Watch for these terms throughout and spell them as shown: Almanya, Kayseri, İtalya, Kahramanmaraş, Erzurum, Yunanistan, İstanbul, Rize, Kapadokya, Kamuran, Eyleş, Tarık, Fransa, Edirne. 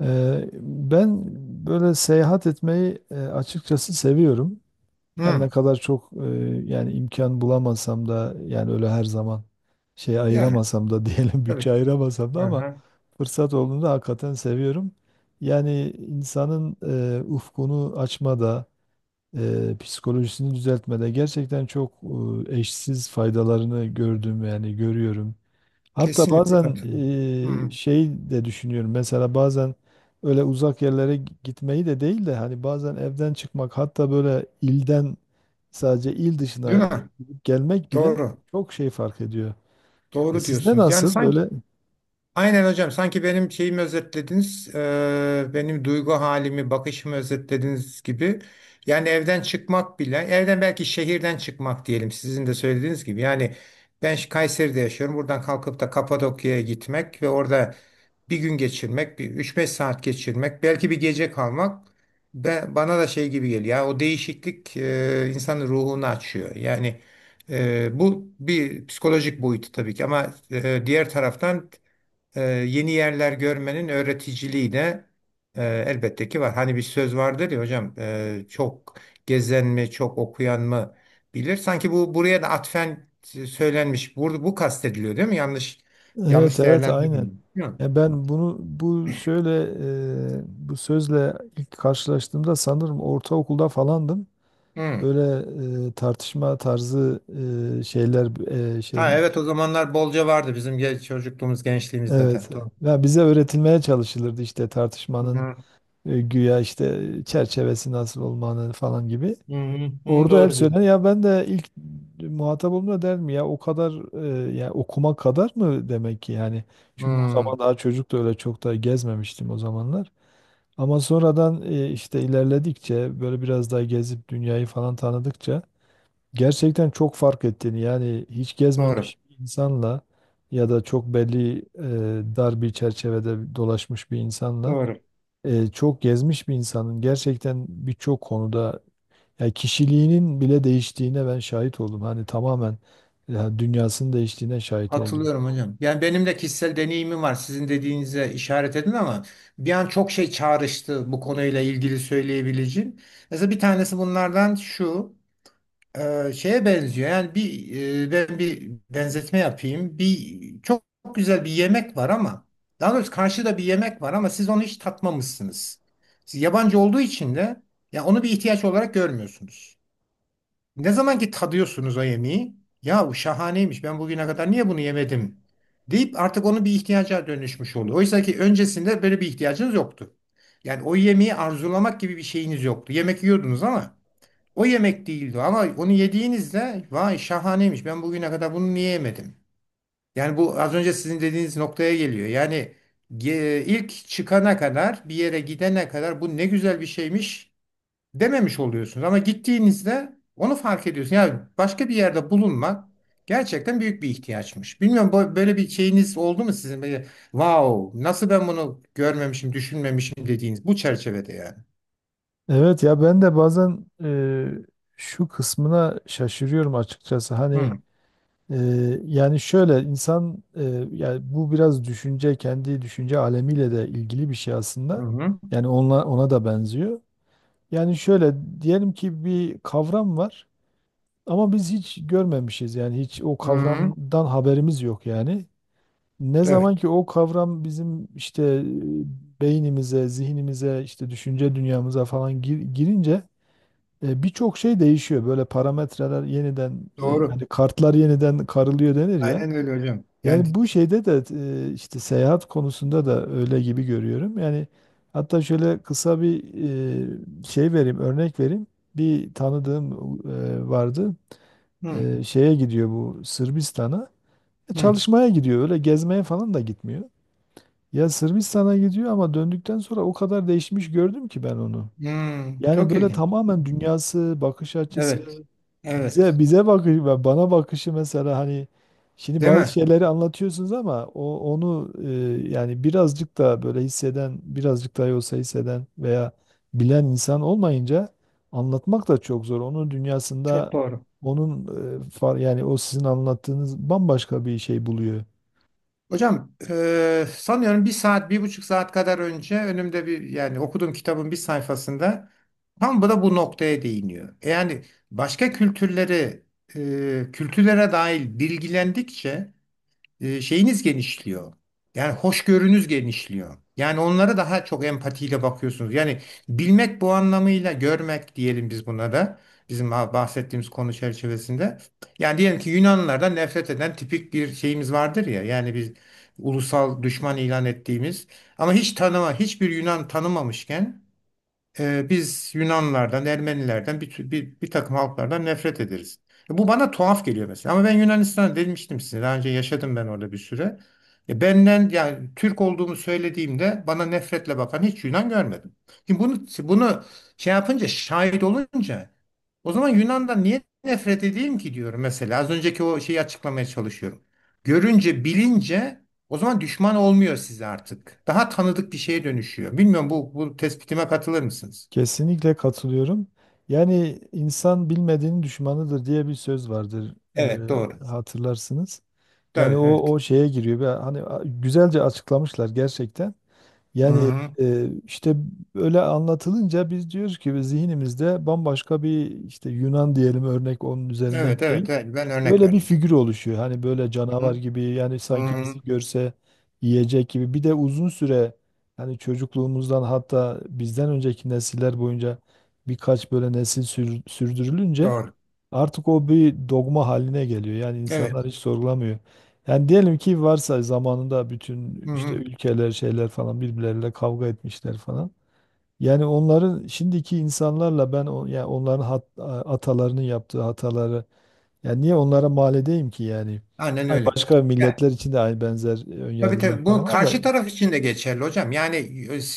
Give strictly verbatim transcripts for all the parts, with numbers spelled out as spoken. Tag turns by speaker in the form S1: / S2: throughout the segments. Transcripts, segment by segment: S1: Eee, ben böyle seyahat etmeyi e, açıkçası seviyorum. Her ne
S2: Hı,
S1: kadar çok e, yani imkan bulamasam da yani öyle her zaman şey
S2: yani
S1: ayıramasam da diyelim
S2: tabii
S1: bütçe
S2: ki.
S1: ayıramasam da ama
S2: Aha,
S1: fırsat olduğunda hakikaten seviyorum. Yani insanın e, ufkunu açmada, e, psikolojisini düzeltmede gerçekten çok e, eşsiz faydalarını gördüm yani görüyorum. Hatta
S2: kesinlikle
S1: bazen
S2: katılıyorum.
S1: e,
S2: Hı,
S1: şey de düşünüyorum. Mesela bazen öyle uzak yerlere gi- gitmeyi de değil de hani bazen evden çıkmak hatta böyle ilden sadece il dışına
S2: değil mi?
S1: gidip gelmek bile
S2: Doğru.
S1: çok şey fark ediyor. E,
S2: Doğru
S1: Sizde
S2: diyorsunuz. Yani
S1: nasıl
S2: sanki
S1: böyle?
S2: aynen hocam sanki benim şeyimi özetlediniz. E, benim duygu halimi, bakışımı özetlediniz gibi. Yani evden çıkmak bile, evden belki şehirden çıkmak diyelim sizin de söylediğiniz gibi. Yani ben Kayseri'de yaşıyorum. Buradan kalkıp da Kapadokya'ya gitmek ve orada bir gün geçirmek, bir üç beş saat geçirmek, belki bir gece kalmak ben, bana da şey gibi geliyor. Ya, o değişiklik e, insanın ruhunu açıyor. Yani e, bu bir psikolojik boyutu tabii ki, ama e, diğer taraftan e, yeni yerler görmenin öğreticiliği de e, elbette ki var. Hani bir söz vardır ya hocam, e, çok gezen mi, çok okuyan mı bilir. Sanki bu buraya da atfen söylenmiş. Bu, bu kastediliyor değil mi? Yanlış
S1: Evet
S2: yanlış
S1: evet aynen.
S2: değerlendirmiyorum, değil mi?
S1: Ya ben bunu bu şöyle e, bu sözle ilk karşılaştığımda sanırım ortaokulda falandım.
S2: Hı.
S1: Böyle e, tartışma tarzı e, şeyler e, şey
S2: Ha evet, o zamanlar bolca vardı bizim gen- çocukluğumuz gençliğimizde de.
S1: evet.
S2: Doğru.
S1: Ya bize öğretilmeye çalışılırdı işte
S2: Hı
S1: tartışmanın
S2: hı,
S1: e, güya işte çerçevesi nasıl olmanın falan gibi.
S2: hı hı,
S1: Orada hep
S2: doğru
S1: söylenen
S2: diyorsun.
S1: ya ben de ilk muhatap olduğumda der mi ya o kadar e, ya okuma kadar mı demek ki yani çünkü o
S2: Hı,
S1: zaman daha çocuk da öyle çok da gezmemiştim o zamanlar ama sonradan e, işte ilerledikçe böyle biraz daha gezip dünyayı falan tanıdıkça gerçekten çok fark ettiğini yani hiç
S2: doğru.
S1: gezmemiş bir insanla ya da çok belli e, dar bir çerçevede dolaşmış bir insanla
S2: Doğru.
S1: e, çok gezmiş bir insanın gerçekten birçok konuda yani kişiliğinin bile değiştiğine ben şahit oldum. Hani tamamen ya dünyasının değiştiğine şahit oldum.
S2: Hatırlıyorum hocam. Yani benim de kişisel deneyimim var. Sizin dediğinize işaret edin ama bir an çok şey çağrıştı, bu konuyla ilgili söyleyebileceğim. Mesela bir tanesi bunlardan şu. Eee, şeye benziyor. Yani bir eee, ben bir benzetme yapayım. Bir çok, çok güzel bir yemek var ama, daha doğrusu karşıda bir yemek var ama siz onu hiç tatmamışsınız. Siz yabancı olduğu için de ya onu bir ihtiyaç olarak görmüyorsunuz. Ne zaman ki tadıyorsunuz o yemeği, ya bu şahaneymiş. Ben bugüne kadar niye bunu yemedim deyip artık onu bir ihtiyaca dönüşmüş oluyor. Oysa ki öncesinde böyle bir ihtiyacınız yoktu. Yani o yemeği arzulamak gibi bir şeyiniz yoktu. Yemek yiyordunuz ama o yemek değildi, ama onu yediğinizde vay şahaneymiş, ben bugüne kadar bunu niye yemedim? Yani bu az önce sizin dediğiniz noktaya geliyor. Yani ge- ilk çıkana kadar, bir yere gidene kadar bu ne güzel bir şeymiş dememiş oluyorsunuz. Ama gittiğinizde onu fark ediyorsun. Yani başka bir yerde bulunmak gerçekten büyük bir ihtiyaçmış. Bilmiyorum, bu- böyle bir şeyiniz oldu mu sizin? Böyle, wow nasıl ben bunu görmemişim düşünmemişim dediğiniz bu çerçevede yani.
S1: Evet ya ben de bazen e, şu kısmına şaşırıyorum açıkçası. Hani
S2: Hı
S1: e, yani şöyle insan e, yani bu biraz düşünce kendi düşünce alemiyle de ilgili bir şey aslında.
S2: hı.
S1: Yani ona, ona da benziyor. Yani şöyle diyelim ki bir kavram var ama biz hiç görmemişiz. Yani hiç o
S2: Hı hı.
S1: kavramdan haberimiz yok yani. Ne zaman
S2: Evet.
S1: ki o kavram bizim işte e, beynimize, zihnimize, işte düşünce dünyamıza falan gir- girince e, birçok şey değişiyor. Böyle parametreler yeniden, e,
S2: Doğru.
S1: hani kartlar yeniden karılıyor denir ya.
S2: Aynen öyle hocam. Yani
S1: Yani bu şeyde de e, işte seyahat konusunda da öyle gibi görüyorum. Yani hatta şöyle kısa bir e, şey vereyim, örnek vereyim. Bir tanıdığım e, vardı.
S2: hı,
S1: E, Şeye gidiyor bu Sırbistan'a. E,
S2: hı,
S1: Çalışmaya gidiyor. Öyle gezmeye falan da gitmiyor. Ya Sırbistan'a gidiyor ama döndükten sonra o kadar değişmiş gördüm ki ben onu.
S2: hı.
S1: Yani
S2: Çok
S1: böyle
S2: ilginç.
S1: tamamen dünyası, bakış
S2: Evet.
S1: açısı, bize
S2: Evet.
S1: bize bakışı ve bana bakışı mesela hani şimdi
S2: Değil
S1: bazı
S2: mi?
S1: şeyleri anlatıyorsunuz ama o onu e, yani birazcık da böyle hisseden, birazcık da olsa hisseden veya bilen insan olmayınca anlatmak da çok zor. Onun dünyasında
S2: Çok doğru.
S1: onun e, far- yani o sizin anlattığınız bambaşka bir şey buluyor.
S2: Hocam, e, sanıyorum bir saat, bir buçuk saat kadar önce önümde bir, yani okuduğum kitabın bir sayfasında tam bu da bu noktaya değiniyor. E Yani başka kültürleri, e, kültürlere dair bilgilendikçe e, şeyiniz genişliyor. Yani hoşgörünüz genişliyor. Yani onlara daha çok empatiyle bakıyorsunuz. Yani bilmek, bu anlamıyla görmek diyelim biz buna da. Bizim bahsettiğimiz konu çerçevesinde. Yani diyelim ki Yunanlılardan nefret eden tipik bir şeyimiz vardır ya. Yani biz ulusal düşman ilan ettiğimiz ama hiç tanıma, hiçbir Yunan tanımamışken, ee, biz Yunanlardan, Ermenilerden, bir, tü- bir, bir takım halklardan nefret ederiz. E, Bu bana tuhaf geliyor mesela. Ama ben Yunanistan'a demiştim size. Daha önce yaşadım ben orada bir süre. E, benden yani Türk olduğumu söylediğimde bana nefretle bakan hiç Yunan görmedim. Şimdi bunu bunu şey yapınca, şahit olunca o zaman Yunan'dan niye nefret edeyim ki diyorum mesela. Az önceki o şeyi açıklamaya çalışıyorum. Görünce, bilince o zaman düşman olmuyor size artık. Daha tanıdık bir şeye dönüşüyor. Bilmiyorum, bu, bu tespitime katılır mısınız?
S1: Kesinlikle katılıyorum. Yani insan bilmediğinin düşmanıdır diye bir söz vardır,
S2: Evet doğru.
S1: e, hatırlarsınız. Yani o
S2: Evet evet.
S1: o şeye giriyor. Ve hani a- güzelce açıklamışlar gerçekten. Yani
S2: Hı-hı.
S1: e, işte öyle anlatılınca biz diyoruz ki biz zihnimizde bambaşka bir işte Yunan diyelim örnek onun üzerinden
S2: Evet evet
S1: gideyim.
S2: evet. Ben örnek
S1: Böyle bir
S2: verdim tabii.
S1: figür oluşuyor. Hani böyle canavar
S2: Hı-hı.
S1: gibi yani sanki
S2: Hı-hı.
S1: bizi görse yiyecek gibi. Bir de uzun süre hani çocukluğumuzdan hatta bizden önceki nesiller boyunca birkaç böyle nesil sür- sürdürülünce
S2: Doğru.
S1: artık o bir dogma haline geliyor. Yani insanlar
S2: Evet.
S1: hiç sorgulamıyor. Yani diyelim ki varsa zamanında bütün işte
S2: Hı-hı.
S1: ülkeler şeyler falan birbirleriyle kavga etmişler falan. Yani onların şimdiki insanlarla ben o- yani onların hat- atalarının yaptığı hataları yani niye onlara mal edeyim ki yani?
S2: Aynen
S1: Hani
S2: öyle.
S1: başka milletler için de aynı benzer e,
S2: Tabii
S1: önyargılar
S2: tabii, bu
S1: falan var da
S2: karşı taraf için de geçerli hocam. Yani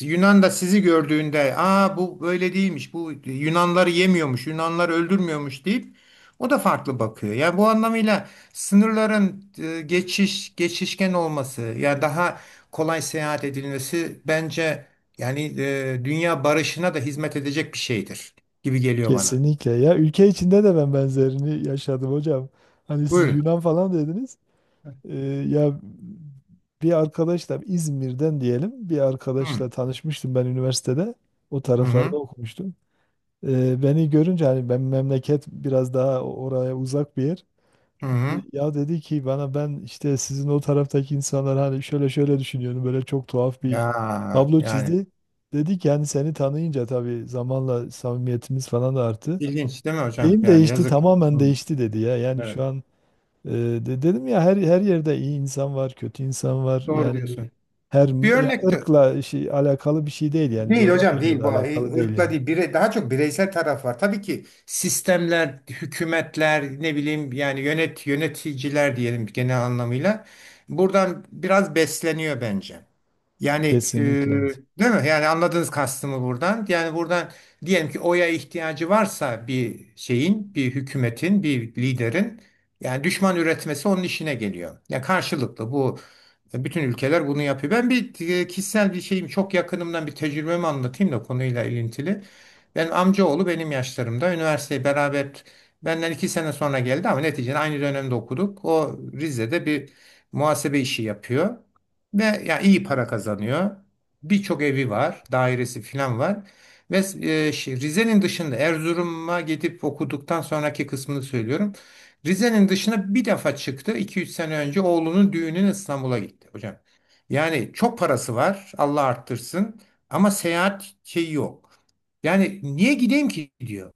S2: e, Yunan da sizi gördüğünde aa bu böyle değilmiş, bu Yunanları yemiyormuş, Yunanları öldürmüyormuş deyip o da farklı bakıyor. Yani bu anlamıyla sınırların e, geçiş geçişken olması, yani daha kolay seyahat edilmesi, bence yani e, dünya barışına da hizmet edecek bir şeydir gibi geliyor bana.
S1: kesinlikle ya ülke içinde de ben benzerini yaşadım hocam. Hani siz
S2: Buyurun.
S1: Yunan falan dediniz. Ee, ya bir arkadaşla İzmir'den diyelim bir
S2: Hı
S1: arkadaşla tanışmıştım ben üniversitede. O
S2: hı
S1: taraflarda
S2: hı.
S1: okumuştum. Ee, beni görünce hani ben memleket biraz daha oraya uzak bir yer.
S2: Hı.
S1: Ya dedi ki bana ben işte sizin o taraftaki insanlar hani şöyle şöyle düşünüyorum böyle çok tuhaf bir
S2: Ya
S1: tablo
S2: yani
S1: çizdi. Dedi ki yani seni tanıyınca tabii zamanla samimiyetimiz falan da arttı.
S2: ilginç değil mi hocam?
S1: Şeyim
S2: Yani
S1: değişti
S2: yazık.
S1: tamamen
S2: Hı.
S1: değişti dedi ya. Yani şu
S2: Evet.
S1: an e, de- dedim ya her her yerde iyi insan var, kötü insan var.
S2: Doğru
S1: Yani
S2: diyorsun.
S1: her
S2: Bir
S1: ya
S2: örnek de
S1: ırkla şey, alakalı bir şey değil yani
S2: değil hocam,
S1: coğrafyayla
S2: değil
S1: da
S2: bu e,
S1: alakalı değil
S2: ırkla
S1: yani.
S2: değil, bire, daha çok bireysel taraf var. Tabii ki sistemler, hükümetler, ne bileyim, yani yönet yöneticiler diyelim, genel anlamıyla buradan biraz besleniyor bence. Yani e,
S1: Kesinlikle.
S2: değil mi? Yani anladınız kastımı buradan. Yani buradan diyelim ki oya ihtiyacı varsa bir şeyin, bir hükümetin, bir liderin, yani düşman üretmesi onun işine geliyor. Ya karşılıklı bu, bütün ülkeler bunu yapıyor. Ben bir e, kişisel bir şeyim, çok yakınımdan bir tecrübemi anlatayım da konuyla ilintili. Benim amcaoğlu benim yaşlarımda üniversiteyi beraber, benden iki sene sonra geldi ama neticede aynı dönemde okuduk. O Rize'de bir muhasebe işi yapıyor ve ya iyi para kazanıyor. Birçok evi var, dairesi falan var. Ve e, şey, Rize'nin dışında Erzurum'a gidip okuduktan sonraki kısmını söylüyorum. Rize'nin dışına bir defa çıktı. iki üç sene önce oğlunun düğününe İstanbul'a gitti hocam. Yani çok parası var, Allah arttırsın. Ama seyahat şeyi yok. Yani niye gideyim ki diyor.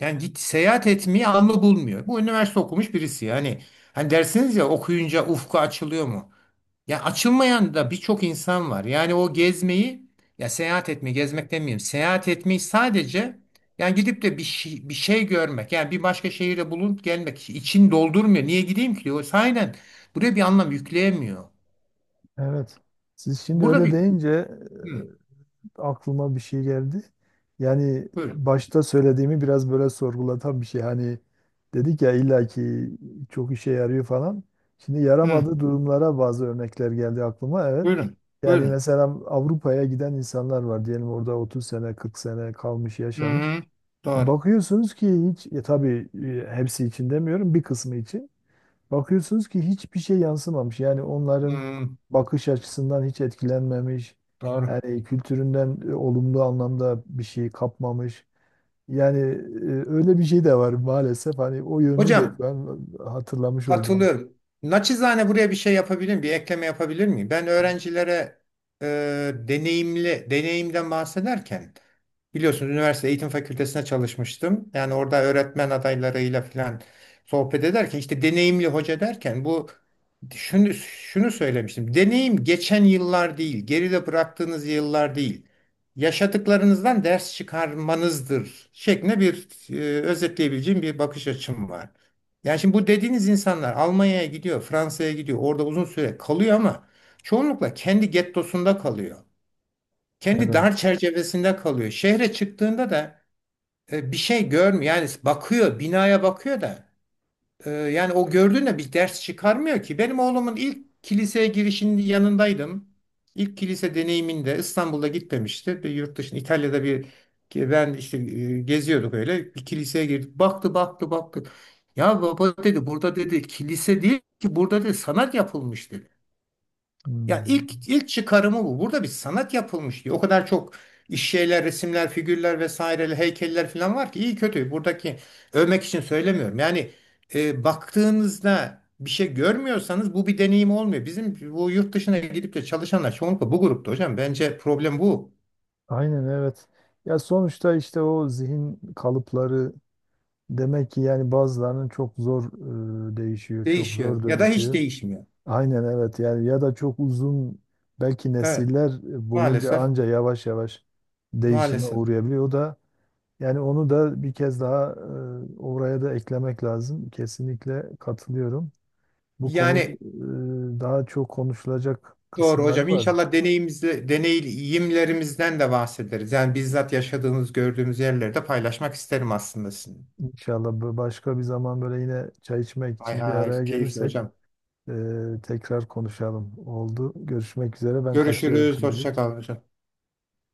S2: Yani git, seyahat etmeyi anlı bulmuyor. Bu üniversite okumuş birisi. Yani hani dersiniz ya, okuyunca ufku açılıyor mu? Ya açılmayan da birçok insan var. Yani o gezmeyi, ya seyahat etmeyi, gezmek demeyeyim, seyahat etmeyi sadece, yani gidip de bir şey, bir şey görmek. Yani bir başka şehire bulunup gelmek için doldurmuyor. Niye gideyim ki diyor. O sahiden buraya bir anlam yükleyemiyor.
S1: Evet. Siz şimdi
S2: Burada
S1: öyle
S2: bir
S1: deyince
S2: Hı,
S1: aklıma bir şey geldi. Yani
S2: buyurun.
S1: başta söylediğimi biraz böyle sorgulatan bir şey. Hani dedik ya illaki çok işe yarıyor falan. Şimdi
S2: Hı,
S1: yaramadığı durumlara bazı örnekler geldi aklıma. Evet.
S2: buyurun.
S1: Yani
S2: Buyurun.
S1: mesela Avrupa'ya giden insanlar var. Diyelim orada otuz sene, kırk sene kalmış,
S2: Hı,
S1: yaşamış.
S2: hı, doğru.
S1: Bakıyorsunuz ki hiç, e, tabii e, hepsi için demiyorum, bir kısmı için. Bakıyorsunuz ki hiçbir şey yansımamış. Yani onların
S2: Hı,
S1: bakış açısından hiç etkilenmemiş.
S2: doğru.
S1: Yani kültüründen e, olumlu anlamda bir şey kapmamış. Yani e, öyle bir şey de var maalesef. Hani o yönünü de
S2: Hocam,
S1: şu an e, hatırlamış oldum.
S2: katılıyorum. Naçizane buraya bir şey yapabilir miyim? Bir ekleme yapabilir miyim? Ben öğrencilere e, deneyimli, deneyimden bahsederken, biliyorsunuz üniversite eğitim fakültesine çalışmıştım. Yani orada öğretmen adaylarıyla falan sohbet ederken işte deneyimli hoca derken bu şunu, şunu söylemiştim. Deneyim geçen yıllar değil, geride bıraktığınız yıllar değil, yaşadıklarınızdan ders çıkarmanızdır şeklinde bir e, özetleyebileceğim bir bakış açım var. Yani şimdi bu dediğiniz insanlar Almanya'ya gidiyor, Fransa'ya gidiyor, orada uzun süre kalıyor ama çoğunlukla kendi gettosunda kalıyor. Kendi
S1: Evet.
S2: dar çerçevesinde kalıyor. Şehre çıktığında da e, bir şey görmüyor. Yani bakıyor, binaya bakıyor da ee, yani o gördüğüne bir ders çıkarmıyor ki. Benim oğlumun ilk kiliseye girişinin yanındaydım. İlk kilise deneyiminde İstanbul'da gitmemişti. Bir yurt dışında, İtalya'da bir, ben işte e, geziyorduk öyle. Bir kiliseye girdik. Baktı baktı baktı. Ya baba dedi, burada dedi kilise değil ki, burada dedi sanat yapılmış dedi. Ya
S1: Hmm.
S2: ilk ilk çıkarımı bu. Burada bir sanat yapılmış diyor. O kadar çok iş, şeyler, resimler, figürler vesaire, heykeller falan var ki, iyi kötü. Buradaki övmek için söylemiyorum. Yani e, baktığınızda bir şey görmüyorsanız bu bir deneyim olmuyor. Bizim bu yurt dışına gidip de çalışanlar çoğunlukla bu grupta hocam. Bence problem bu.
S1: Aynen evet. Ya sonuçta işte o zihin kalıpları demek ki yani bazılarının çok zor e, değişiyor, çok
S2: Değişiyor
S1: zor
S2: ya da hiç
S1: dönüşüyor.
S2: değişmiyor.
S1: Aynen evet yani ya da çok uzun belki
S2: Evet,
S1: nesiller boyunca
S2: maalesef,
S1: anca yavaş yavaş değişime
S2: maalesef.
S1: uğrayabiliyor. O da yani onu da bir kez daha e, oraya da eklemek lazım. Kesinlikle katılıyorum. Bu konu
S2: Yani
S1: e, daha çok konuşulacak
S2: doğru
S1: kısımları
S2: hocam.
S1: var.
S2: İnşallah deneyimizle, deneyimlerimizden de bahsederiz. Yani bizzat yaşadığınız, gördüğünüz yerleri de paylaşmak isterim aslında sizin.
S1: İnşallah bu- başka bir zaman böyle yine çay içmek
S2: Hay
S1: için bir
S2: hay,
S1: araya
S2: keyifli
S1: gelirsek
S2: hocam.
S1: e, tekrar konuşalım. Oldu. Görüşmek üzere. Ben kaçıyorum
S2: Görüşürüz, hoşça
S1: şimdilik.
S2: kalın hocam.